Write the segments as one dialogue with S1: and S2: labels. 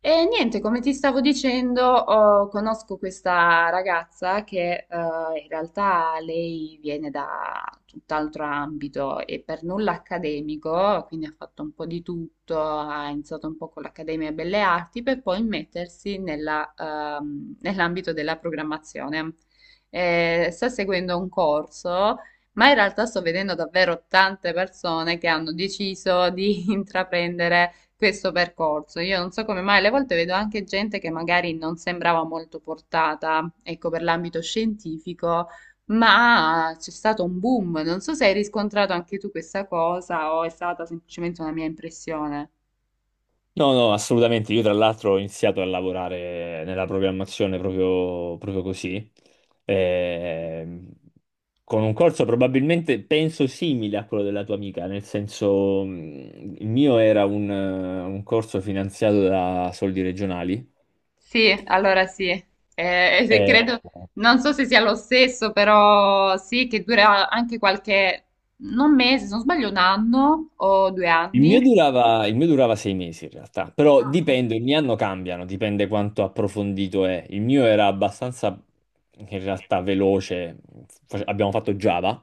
S1: E niente, come ti stavo dicendo, conosco questa ragazza che in realtà lei viene da tutt'altro ambito e per nulla accademico, quindi ha fatto un po' di tutto, ha iniziato un po' con l'Accademia Belle Arti per poi mettersi nell'ambito della programmazione. Sta seguendo un corso. Ma in realtà sto vedendo davvero tante persone che hanno deciso di intraprendere questo percorso. Io non so come mai, alle volte vedo anche gente che magari non sembrava molto portata, ecco, per l'ambito scientifico, ma c'è stato un boom. Non so se hai riscontrato anche tu questa cosa o è stata semplicemente una mia impressione.
S2: No, no, assolutamente. Io tra l'altro ho iniziato a lavorare nella programmazione proprio così. Ehm, con un corso probabilmente, penso, simile a quello della tua amica, nel senso, il mio era un corso finanziato da soldi regionali.
S1: Sì, allora sì, se
S2: Eh,
S1: credo, non so se sia lo stesso, però sì, che dura anche qualche, non mese, se non sbaglio, un anno o due
S2: Il
S1: anni.
S2: mio durava, il mio durava 6 mesi in realtà, però
S1: Ah, sì.
S2: dipende, ogni anno cambiano, dipende quanto approfondito è. Il mio era abbastanza in realtà veloce. Abbiamo fatto Java,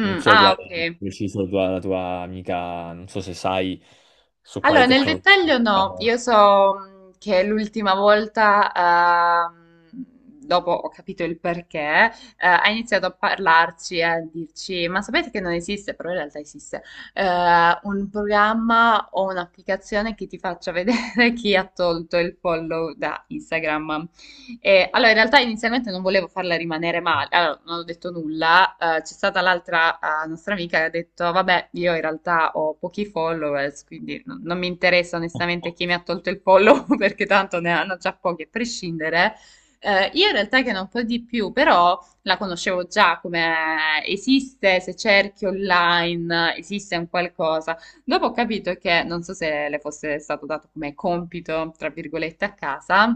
S2: non so
S1: ah,
S2: quale è
S1: ok.
S2: preciso la tua amica, non so se sai su quali
S1: Allora, nel
S2: tecnologie
S1: dettaglio no,
S2: diciamo,
S1: io so che l'ultima volta, dopo ho capito il perché, ha iniziato a parlarci e a dirci, ma sapete che non esiste, però in realtà esiste, eh, un programma o un'applicazione che ti faccia vedere chi ha tolto il follow da Instagram. Allora, in realtà inizialmente non volevo farla rimanere male, allora, non ho detto nulla. C'è stata l'altra nostra amica che ha detto: Vabbè, io in realtà ho pochi followers, quindi non mi interessa onestamente chi mi ha tolto il follow perché tanto ne hanno già pochi a prescindere. Io in realtà che non po' di più, però la conoscevo già come esiste, se cerchi online esiste un qualcosa. Dopo ho capito che, non so se le fosse stato dato come compito, tra virgolette, a casa,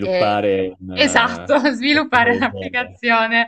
S1: eh,
S2: un,
S1: esatto,
S2: qualcosa
S1: sviluppare
S2: del genere.
S1: un'applicazione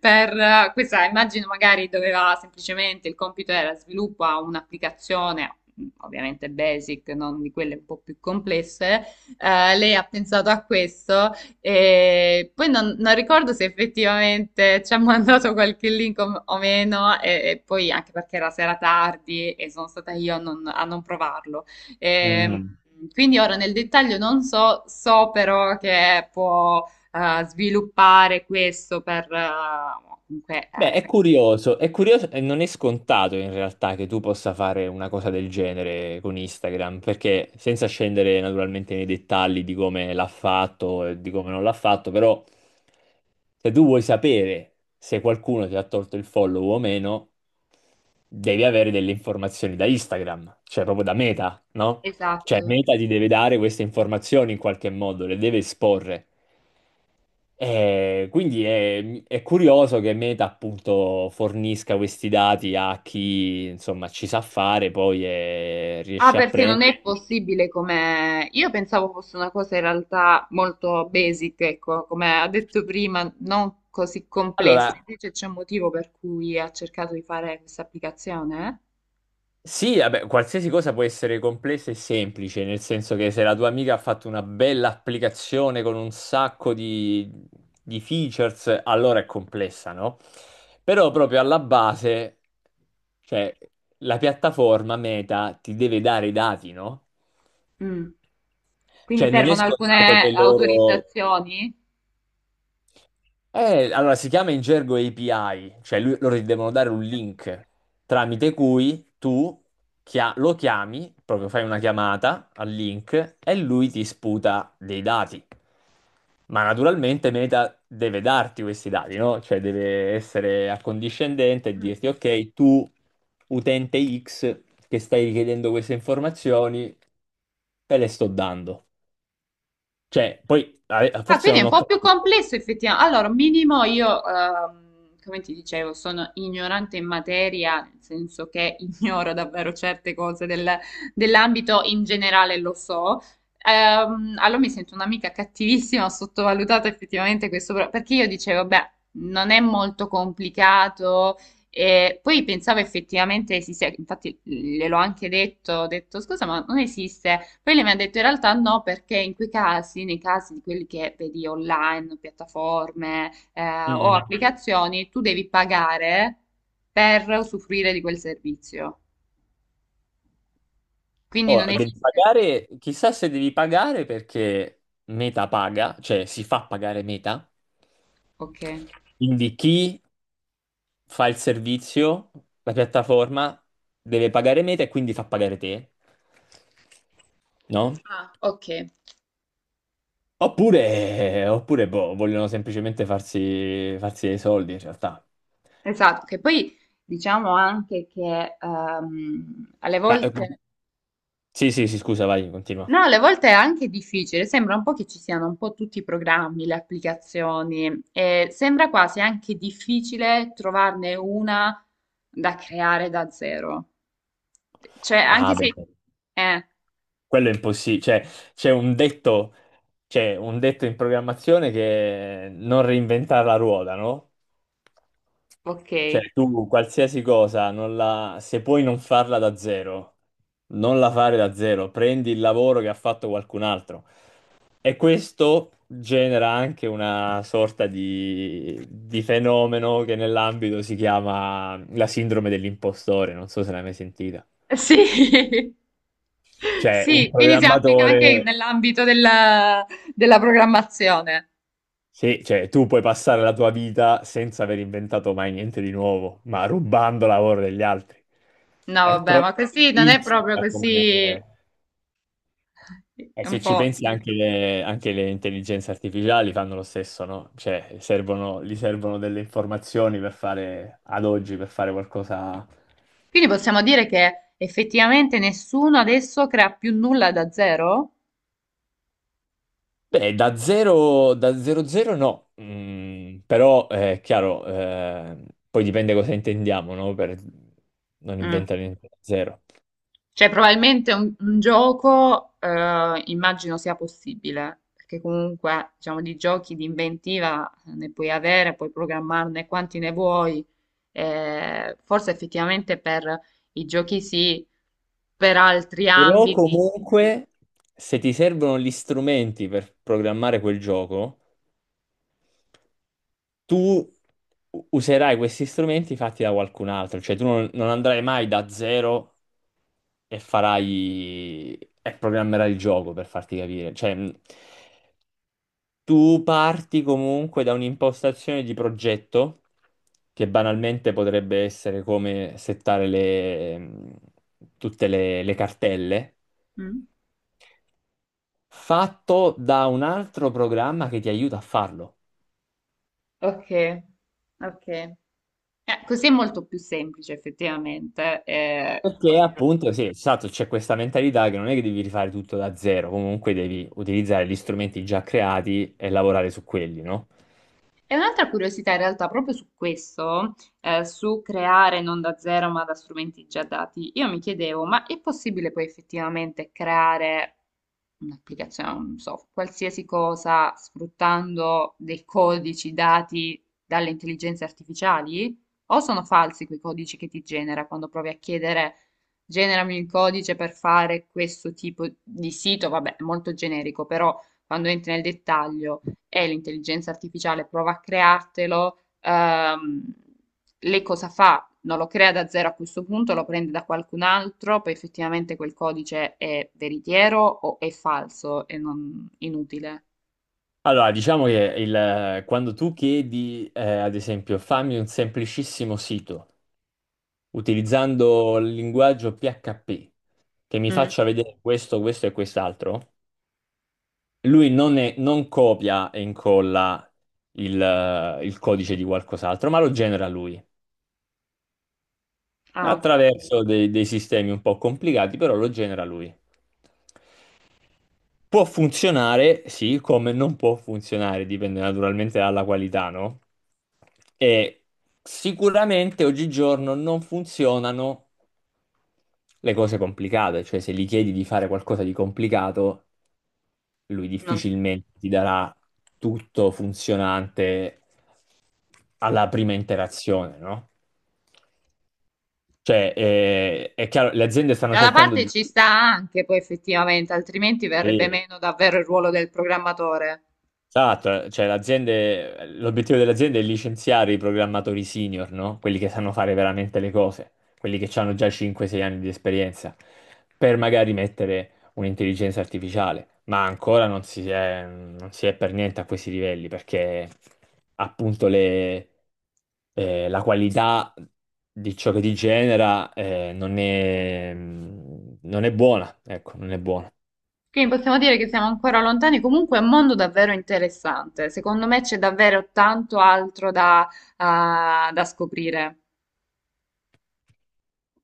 S1: per questa, immagino magari doveva semplicemente, il compito era sviluppa un'applicazione, ovviamente basic, non di quelle un po' più complesse, lei ha pensato a questo e poi non ricordo se effettivamente ci ha mandato qualche link o meno, e poi anche perché era sera tardi e sono stata io a non provarlo. Ehm,
S2: Mm.
S1: quindi ora nel dettaglio non so, so però che può sviluppare questo per... comunque,
S2: Beh, è curioso e non è scontato in realtà che tu possa fare una cosa del genere con Instagram, perché senza scendere naturalmente nei dettagli di come l'ha fatto e di come non l'ha fatto, però se tu vuoi sapere se qualcuno ti ha tolto il follow o meno, devi avere delle informazioni da Instagram, cioè proprio da Meta, no? Cioè
S1: esatto.
S2: Meta ti deve dare queste informazioni in qualche modo, le deve esporre. Quindi è curioso che Meta appunto fornisca questi dati a chi insomma ci sa fare poi e
S1: Ah,
S2: riesce a
S1: perché non è
S2: prenderli.
S1: possibile come... Io pensavo fosse una cosa in realtà molto basic, ecco, come ha detto prima, non così complessa.
S2: Allora,
S1: Invece c'è un motivo per cui ha cercato di fare questa applicazione?
S2: sì, vabbè, qualsiasi cosa può essere complessa e semplice, nel senso che se la tua amica ha fatto una bella applicazione con un sacco di features, allora è complessa, no? Però proprio alla base, cioè, la piattaforma Meta ti deve dare i dati, no?
S1: Eh? Mm. Quindi
S2: Cioè, non è
S1: servono
S2: scontato
S1: alcune
S2: che loro...
S1: autorizzazioni?
S2: Allora, si chiama in gergo API, cioè loro ti devono dare un link tramite cui tu lo chiami, proprio fai una chiamata al link e lui ti sputa dei dati. Ma naturalmente Meta deve darti questi dati, no? Cioè deve essere accondiscendente e
S1: Sì.
S2: dirti, ok, tu utente X che stai richiedendo queste informazioni, te le sto dando. Cioè, poi
S1: Ah,
S2: forse
S1: quindi è
S2: non
S1: un
S2: ho
S1: po' più
S2: capito.
S1: complesso effettivamente. Allora, minimo io, come ti dicevo, sono ignorante in materia, nel senso che ignoro davvero certe cose dell'ambito in generale, lo so. Allora mi sento un'amica cattivissima, ho sottovalutato effettivamente questo, perché io dicevo, beh, non è molto complicato, e poi pensavo effettivamente esiste, infatti gliel'ho anche detto, ho detto scusa, ma non esiste. Poi lei mi ha detto in realtà no, perché in quei casi, nei casi di quelli che vedi online, piattaforme o
S2: Mm-mm.
S1: applicazioni, tu devi pagare per usufruire di quel servizio. Quindi non
S2: Oh, devi
S1: esiste.
S2: pagare, chissà se devi pagare perché Meta paga, cioè si fa pagare Meta.
S1: Ok.
S2: Quindi chi fa il servizio, la piattaforma, deve pagare Meta e quindi fa pagare te, no?
S1: Ah, ok,
S2: Oppure, oppure boh, vogliono semplicemente farsi dei soldi in realtà.
S1: esatto, che poi diciamo anche che alle
S2: Ma, eh,
S1: volte
S2: sì, sì, sì, scusa, vai, continua.
S1: no, alle volte è anche difficile, sembra un po' che ci siano un po' tutti i programmi, le applicazioni e sembra quasi anche difficile trovarne una da creare da zero. Cioè, anche
S2: Ah,
S1: se...
S2: beh.
S1: Eh,
S2: Quello è impossibile, cioè c'è un detto, c'è un detto in programmazione che è non reinventare la ruota, no?
S1: ok.
S2: Cioè tu qualsiasi cosa, non la- se puoi non farla da zero, non la fare da zero, prendi il lavoro che ha fatto qualcun altro. E questo genera anche una sorta di fenomeno che nell'ambito si chiama la sindrome dell'impostore, non so se l'hai mai sentita.
S1: Sì.
S2: Cioè un
S1: Sì, quindi si applica anche
S2: programmatore...
S1: nell'ambito della programmazione.
S2: Sì, cioè tu puoi passare la tua vita senza aver inventato mai niente di nuovo, ma rubando lavoro degli altri.
S1: No,
S2: È
S1: vabbè,
S2: proprio
S1: ma così non è proprio
S2: insita
S1: così, è
S2: come... E
S1: un
S2: se ci
S1: po'.
S2: pensi anche le intelligenze artificiali fanno lo stesso, no? Cioè servono, gli servono delle informazioni per fare, ad oggi, per fare qualcosa...
S1: Quindi possiamo dire che effettivamente nessuno adesso crea più nulla da zero?
S2: Beh, da zero zero no, mm, però è chiaro, poi dipende cosa intendiamo, no? Per non
S1: Mm.
S2: inventare niente da zero.
S1: Cioè, probabilmente un gioco, immagino sia possibile, perché comunque, diciamo, di giochi di inventiva ne puoi avere, puoi programmarne quanti ne vuoi. Forse effettivamente per i giochi sì, per altri
S2: Però
S1: ambiti.
S2: comunque, se ti servono gli strumenti per programmare quel gioco, tu userai questi strumenti fatti da qualcun altro, cioè tu non, non andrai mai da zero e farai e programmerai il gioco per farti capire. Cioè, tu parti comunque da un'impostazione di progetto che banalmente potrebbe essere come settare le, tutte le cartelle,
S1: Mm.
S2: fatto da un altro programma che ti aiuta a farlo.
S1: Ok, ok. Così è molto più semplice, effettivamente.
S2: Perché appunto, sì, esatto, c'è questa mentalità che non è che devi rifare tutto da zero, comunque devi utilizzare gli strumenti già creati e lavorare su quelli, no?
S1: E un'altra curiosità in realtà proprio su questo, su creare non da zero ma da strumenti già dati, io mi chiedevo, ma è possibile poi effettivamente creare un'applicazione, non so, qualsiasi cosa sfruttando dei codici dati dalle intelligenze artificiali? O sono falsi quei codici che ti genera quando provi a chiedere, generami il codice per fare questo tipo di sito? Vabbè, molto generico, però quando entri nel dettaglio e l'intelligenza artificiale prova a creartelo, lei cosa fa? Non lo crea da zero a questo punto, lo prende da qualcun altro, poi effettivamente quel codice è veritiero o è falso e non inutile.
S2: Allora, diciamo che quando tu chiedi, ad esempio, fammi un semplicissimo sito utilizzando il linguaggio PHP che mi
S1: Mm.
S2: faccia vedere questo, questo e quest'altro, lui non, non copia e incolla il codice di qualcos'altro, ma lo genera lui,
S1: Ah, ok.
S2: attraverso dei, dei sistemi un po' complicati, però lo genera lui. Può funzionare, sì, come non può funzionare, dipende naturalmente dalla qualità, no? E sicuramente oggigiorno non funzionano le cose complicate, cioè se gli chiedi di fare qualcosa di complicato, lui
S1: Non-
S2: difficilmente ti darà tutto funzionante alla prima interazione, no? Cioè, è chiaro, le aziende stanno
S1: Dalla
S2: cercando
S1: parte
S2: di...
S1: ci sta anche poi effettivamente, altrimenti verrebbe meno davvero il ruolo del programmatore.
S2: Esatto, cioè l'azienda, l'obiettivo dell'azienda è licenziare i programmatori senior, no? Quelli che sanno fare veramente le cose, quelli che hanno già 5-6 anni di esperienza, per magari mettere un'intelligenza artificiale, ma ancora non si è, non si è per niente a questi livelli, perché appunto le, la qualità di ciò che ti genera, non è, non è buona, ecco, non è buona.
S1: Quindi possiamo dire che siamo ancora lontani, comunque è un mondo davvero interessante. Secondo me c'è davvero tanto altro da da scoprire.